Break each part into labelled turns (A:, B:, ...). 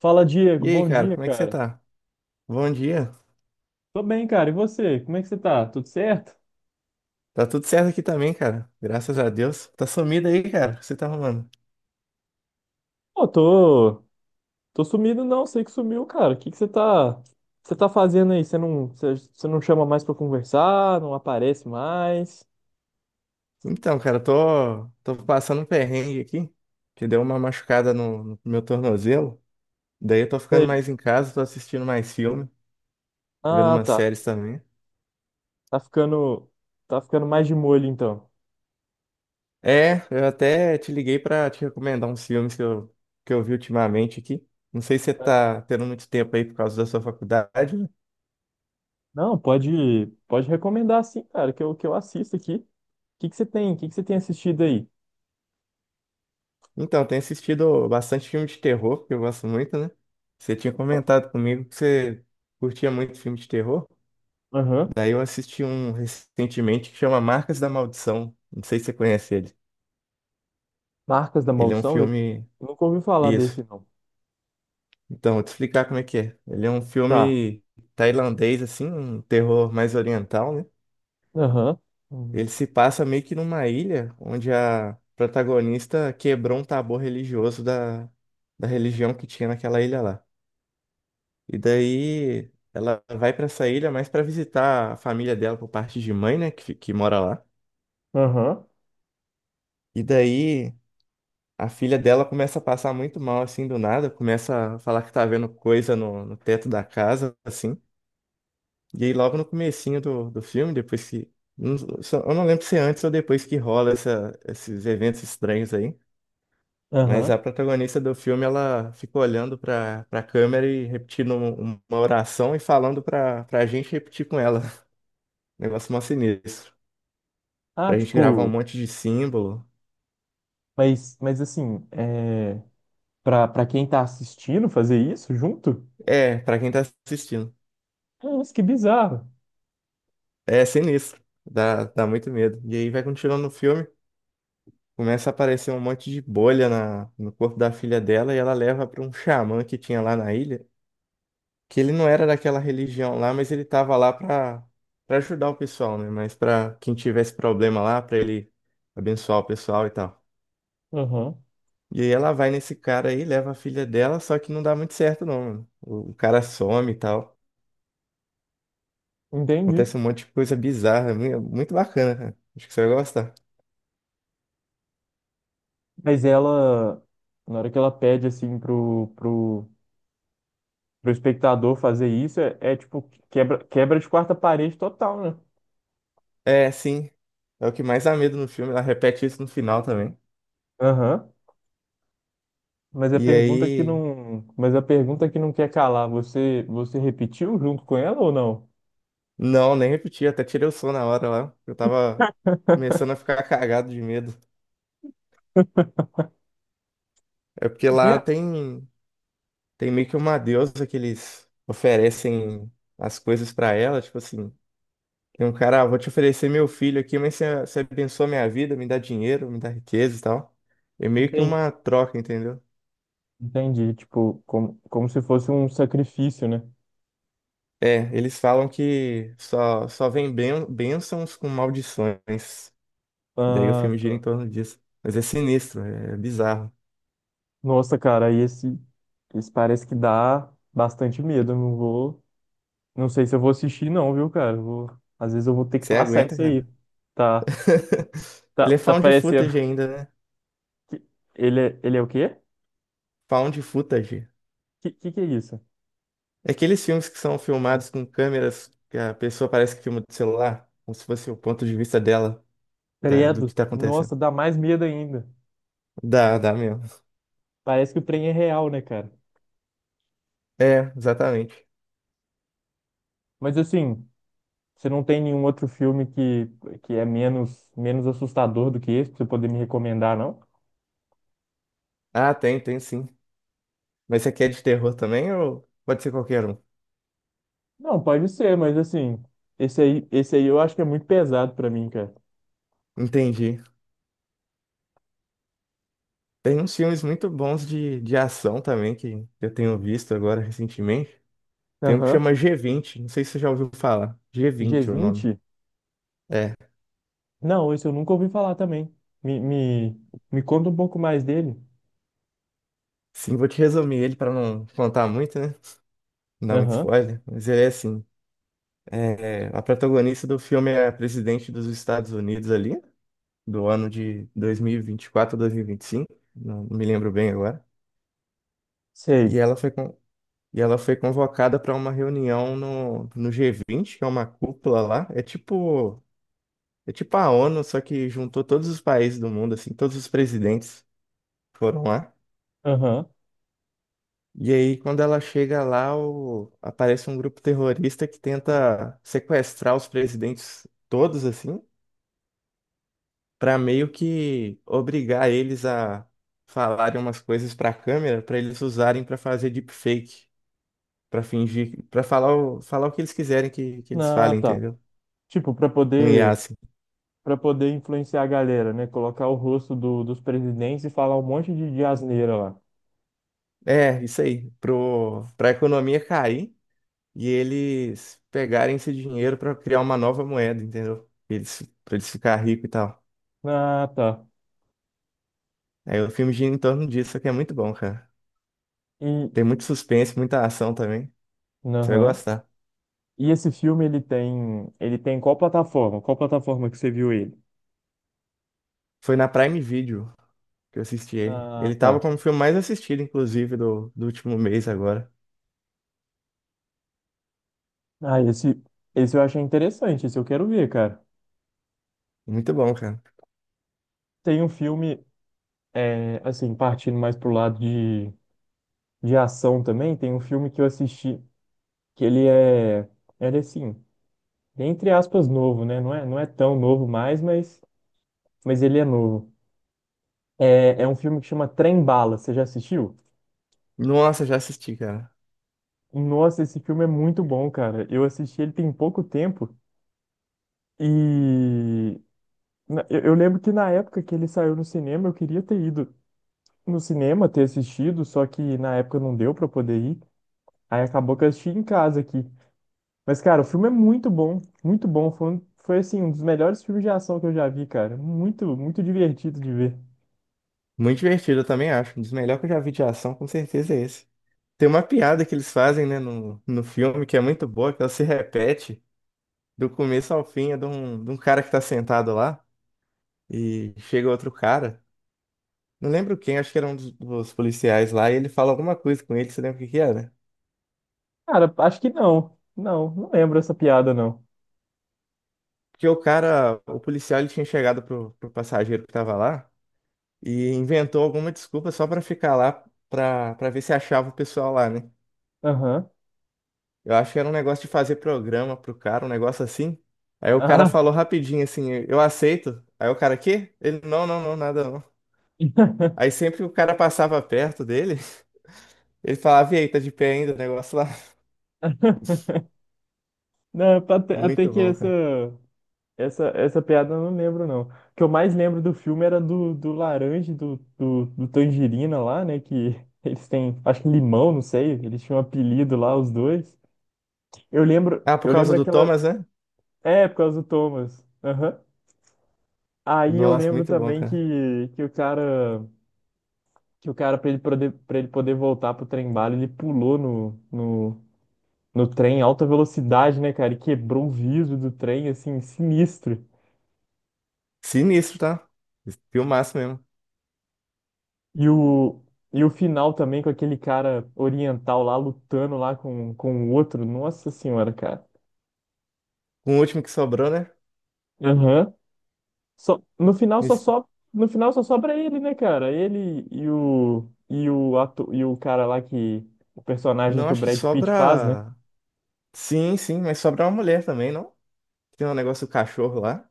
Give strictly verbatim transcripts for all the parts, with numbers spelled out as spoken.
A: Fala, Diego.
B: E aí,
A: Bom
B: cara,
A: dia,
B: como é que você
A: cara.
B: tá? Bom dia.
A: Tô bem, cara. E você? Como é que você tá? Tudo certo?
B: Tá tudo certo aqui também, cara. Graças a Deus. Tá sumido aí, cara. O que você tá arrumando?
A: Pô, tô, tô sumido não. Sei que sumiu, cara. O que que você tá, você tá fazendo aí? Você não, você, você não chama mais pra conversar, não aparece mais.
B: Então, cara, eu tô, tô passando um perrengue aqui, que deu uma machucada no, no meu tornozelo. Daí eu tô ficando
A: Sei.
B: mais em casa, tô assistindo mais filme, vendo
A: Ah,
B: umas
A: tá.
B: séries também.
A: Tá ficando, tá ficando mais de molho então.
B: É, eu até te liguei pra te recomendar uns filmes que eu, que eu vi ultimamente aqui. Não sei se você
A: É.
B: tá tendo muito tempo aí por causa da sua faculdade, né?
A: Não, pode, pode recomendar sim, cara, que eu, que eu assisto aqui. O que que você tem? O que que você tem assistido aí?
B: Então, eu tenho assistido bastante filme de terror, que eu gosto muito, né? Você tinha comentado comigo que você curtia muito filme de terror.
A: Aham.
B: Daí eu assisti um recentemente que chama Marcas da Maldição. Não sei se você conhece ele.
A: Marcas da
B: Ele é um
A: Maldição? Eu
B: filme.
A: nunca ouvi falar
B: Isso.
A: desse, não.
B: Então, vou te explicar como é que é. Ele é um
A: Tá.
B: filme tailandês, assim, um terror mais oriental, né?
A: Aham. Hum.
B: Ele se passa meio que numa ilha onde a protagonista quebrou um tabu religioso da, da religião que tinha naquela ilha lá. E daí ela vai pra essa ilha mais pra visitar a família dela por parte de mãe, né, que, fi- que mora lá.
A: Aham.
B: E daí a filha dela começa a passar muito mal assim do nada, começa a falar que tá vendo coisa no, no teto da casa, assim. E aí logo no comecinho do, do filme, depois que não- só- eu não lembro se é antes ou depois que rola essa- esses eventos estranhos aí, mas
A: Aham.
B: a protagonista do filme ela fica olhando pra para câmera e repetindo um- uma oração e falando pra para gente repetir com ela. Negócio mó sinistro.
A: Ah,
B: Pra gente gravar um
A: tipo,
B: monte de símbolo.
A: mas, mas assim, é, pra, pra quem tá assistindo fazer isso junto?
B: É, pra quem tá assistindo.
A: Nossa, que bizarro.
B: É sinistro. Dá, dá muito medo. E aí vai continuando no filme, começa a aparecer um monte de bolha na, no corpo da filha dela e ela leva pra um xamã que tinha lá na ilha, que ele não era daquela religião lá, mas ele tava lá pra, pra ajudar o pessoal, né? Mas pra quem tivesse problema lá, pra ele abençoar o pessoal e tal.
A: Aham.
B: E aí ela vai nesse cara aí, leva a filha dela, só que não dá muito certo não, mano. O, o cara some e tal.
A: Entendi.
B: Acontece um monte de coisa bizarra, é mu- muito bacana, cara. Acho que você vai gostar.
A: Mas ela, na hora que ela pede, assim, pro, pro, pro espectador fazer isso, é, é, tipo, quebra, quebra de quarta parede total, né?
B: É, sim. É o que mais dá medo no filme, ela repete isso no final também.
A: Aham. Mas a
B: E
A: pergunta que
B: aí.
A: não, mas a pergunta que não quer calar, você, você repetiu junto com ela ou não?
B: Não, nem repeti, até tirei o som na hora lá. Eu tava começando a ficar cagado de medo. É porque lá
A: Yeah.
B: tem, tem meio que uma deusa que eles oferecem as coisas pra ela, tipo assim. Tem um cara, ah, vou te oferecer meu filho aqui, mas você, você abençoa minha vida, me dá dinheiro, me dá riqueza e tal. É meio que
A: Entendi.
B: uma troca, entendeu?
A: Entendi, tipo, como, como se fosse um sacrifício, né?
B: É, eles falam que só, só vem ben, bênçãos com maldições. Daí o
A: Ah,
B: filme gira em
A: tá.
B: torno disso. Mas é sinistro, é bizarro.
A: Nossa, cara, aí esse, esse parece que dá bastante medo. Eu não vou, não sei se eu vou assistir, não, viu, cara? Eu vou, às vezes eu vou ter que
B: Você
A: passar
B: aguenta,
A: isso
B: cara?
A: aí. Tá, tá,
B: Ele é
A: tá
B: found
A: parecendo
B: footage ainda, né?
A: que ele, é- ele é o quê?
B: Found footage.
A: Que, que que é isso?
B: É aqueles filmes que são filmados com câmeras que a pessoa parece que filma do celular, como se fosse o ponto de vista dela, da- do que
A: Credo.
B: tá
A: Nossa,
B: acontecendo.
A: dá mais medo ainda.
B: Dá, dá mesmo.
A: Parece que o trem é real, né, cara?
B: É, exatamente.
A: Mas assim, você não tem nenhum outro filme que, que é menos, menos assustador do que esse pra você poder me recomendar, não?
B: Ah, tem, tem sim. Mas você quer de terror também ou pode ser qualquer um?
A: Não, pode ser, mas assim, esse aí, esse aí eu acho que é muito pesado pra mim, cara.
B: Entendi. Tem uns filmes muito bons de, de ação também que eu tenho visto agora recentemente. Tem um que
A: Aham.
B: chama G vinte, não sei se você já ouviu falar.
A: g
B: G vinte é o
A: vinte?
B: nome. É.
A: Não, esse eu nunca ouvi falar também. Me, me, me conta um pouco mais dele.
B: Sim, vou te resumir ele para não contar muito, né? Não dar muito
A: Aham.
B: spoiler. Mas ele é assim: é, a protagonista do filme é a presidente dos Estados Unidos ali, do ano de dois mil e vinte e quatro ou dois mil e vinte e cinco, não me lembro bem agora. E
A: Sei.
B: ela foi, con- e ela foi convocada para uma reunião no, no G vinte, que é uma cúpula lá. É tipo. É tipo a ONU, só que juntou todos os países do mundo, assim, todos os presidentes foram lá.
A: Aham.
B: E aí, quando ela chega lá, o- aparece um grupo terrorista que tenta sequestrar os presidentes todos, assim, pra meio que obrigar eles a falarem umas coisas pra câmera, pra eles usarem pra fazer deepfake, pra fingir, pra falar o, falar o que eles quiserem que, que eles
A: Ah,
B: falem,
A: tá.
B: entendeu?
A: Tipo, pra
B: Um I A,
A: poder
B: assim.
A: para poder influenciar a galera, né? Colocar o rosto do, dos presidentes e falar um monte de, de asneira lá.
B: É, isso aí. Pro, pra economia cair, e eles pegarem esse dinheiro para criar uma nova moeda, entendeu? Eles, para eles ficar rico e tal.
A: Ah, tá.
B: Aí o filme gira em torno disso, só que é muito bom, cara.
A: E
B: Tem muito suspense, muita ação também. Você vai
A: aham.
B: gostar.
A: E esse filme ele tem ele tem qual plataforma? Qual plataforma que você viu ele?
B: Foi na Prime Video que eu assisti ele.
A: Ah,
B: Ele tava
A: tá.
B: como o filme mais assistido, inclusive, do, do último mês agora.
A: Ah, esse, esse eu achei interessante, esse eu quero ver, cara.
B: Muito bom, cara.
A: Tem um filme, é, assim, partindo mais pro lado de, de ação também, tem um filme que eu assisti, que ele é, ele é assim, entre aspas, novo, né? Não é, não é tão novo mais, mas, mas ele é novo. É, é um filme que chama Trem Bala, você já assistiu?
B: Nossa, já assisti, cara.
A: Nossa, esse filme é muito bom, cara. Eu assisti ele tem pouco tempo e na- eu eu lembro que na época que ele saiu no cinema, eu queria ter ido no cinema ter assistido, só que na época não deu pra poder ir. Aí acabou que eu assisti em casa aqui. Mas, cara, o filme é muito bom, muito bom. Foi, um- foi assim, um dos melhores filmes de ação que eu já vi, cara. Muito, muito divertido de ver.
B: Muito divertido, eu também acho. Um dos melhores que eu já vi de ação, com certeza é esse. Tem uma piada que eles fazem, né, no, no filme que é muito boa, que ela se repete do começo ao fim. É de um, de um cara que tá sentado lá e chega outro cara. Não lembro quem, acho que era um dos, dos policiais lá, e ele fala alguma coisa com ele, você lembra o que que era?
A: Cara, acho que não. Não, não lembro essa piada, não.
B: Porque o cara, o policial, ele tinha chegado pro, pro passageiro que tava lá e inventou alguma desculpa só pra ficar lá pra, pra ver se achava o pessoal lá, né?
A: Aham.
B: Eu acho que era um negócio de fazer programa pro cara, um negócio assim. Aí o cara
A: Ah.
B: falou rapidinho assim, eu aceito. Aí o cara, quê? Ele, não, não, não, nada não. Aí sempre o cara passava perto dele. Ele falava, e aí, tá de pé ainda o negócio lá?
A: Não, até até
B: Muito
A: que
B: bom,
A: essa.
B: cara.
A: Essa, essa piada eu não lembro, não. O que eu mais lembro do filme era do, do laranja, e do, do, do tangerina lá, né? Que eles têm, acho que limão, não sei. Eles tinham um apelido lá, os dois. Eu lembro,
B: Ah, por
A: eu
B: causa
A: lembro
B: do
A: aquela.
B: Thomas, né?
A: É, por causa do Thomas. Aham. Aí eu
B: Nossa,
A: lembro
B: muito bom,
A: também
B: cara.
A: que, que o cara, que o cara, para ele poder, pra ele poder voltar pro trem bala, ele pulou no, no, no trem em alta velocidade, né, cara? E quebrou o vidro do trem, assim, sinistro.
B: Sinistro, tá? Filmaço mesmo.
A: E o, e o final também com aquele cara oriental lá lutando lá com, com o outro. Nossa senhora, cara.
B: Com o último que sobrou, né?
A: Aham. Só, no final só
B: Esse-
A: sobra, no final só sobra ele, né, cara? Ele e o e o ato, e o cara lá que o personagem
B: Não,
A: que o
B: acho que
A: Brad Pitt faz, né?
B: sobra. Sim, sim, mas sobra uma mulher também, não? Tem um negócio do cachorro lá.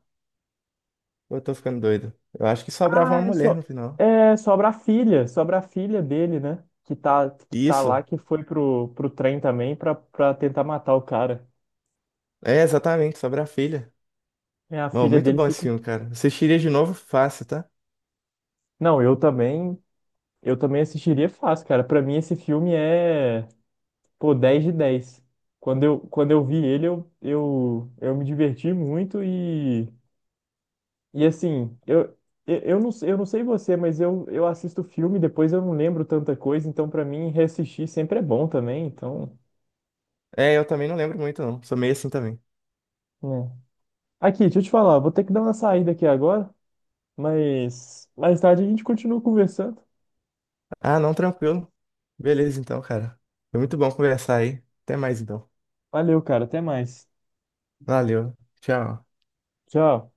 B: Ou eu tô ficando doido? Eu acho que sobrava
A: Ah,
B: uma
A: é
B: mulher
A: só
B: no final.
A: é, sobra a filha, sobra a filha dele, né? Que tá que tá lá
B: Isso.
A: que foi pro, pro trem também pra para tentar matar o cara.
B: É, exatamente, sobra a filha.
A: É, a
B: Bom,
A: filha
B: muito
A: dele
B: bom esse
A: fica.
B: filme, cara. Assistiria de novo fácil, tá?
A: Não, eu também eu também assistiria fácil, cara. Pra mim, esse filme é, pô, dez de dez. Quando eu, quando eu vi ele, eu, eu, eu me diverti muito e, e assim, eu, eu, eu não, eu não sei você, mas eu, eu assisto filme, depois eu não lembro tanta coisa, então pra mim, reassistir sempre é bom também, então,
B: É, eu também não lembro muito, não. Sou meio assim também.
A: né. Aqui, deixa eu te falar, vou ter que dar uma saída aqui agora, mas mais tarde a gente continua conversando.
B: Ah, não, tranquilo. Beleza, então, cara. Foi muito bom conversar aí. Até mais, então.
A: Valeu, cara, até mais.
B: Valeu. Tchau.
A: Tchau.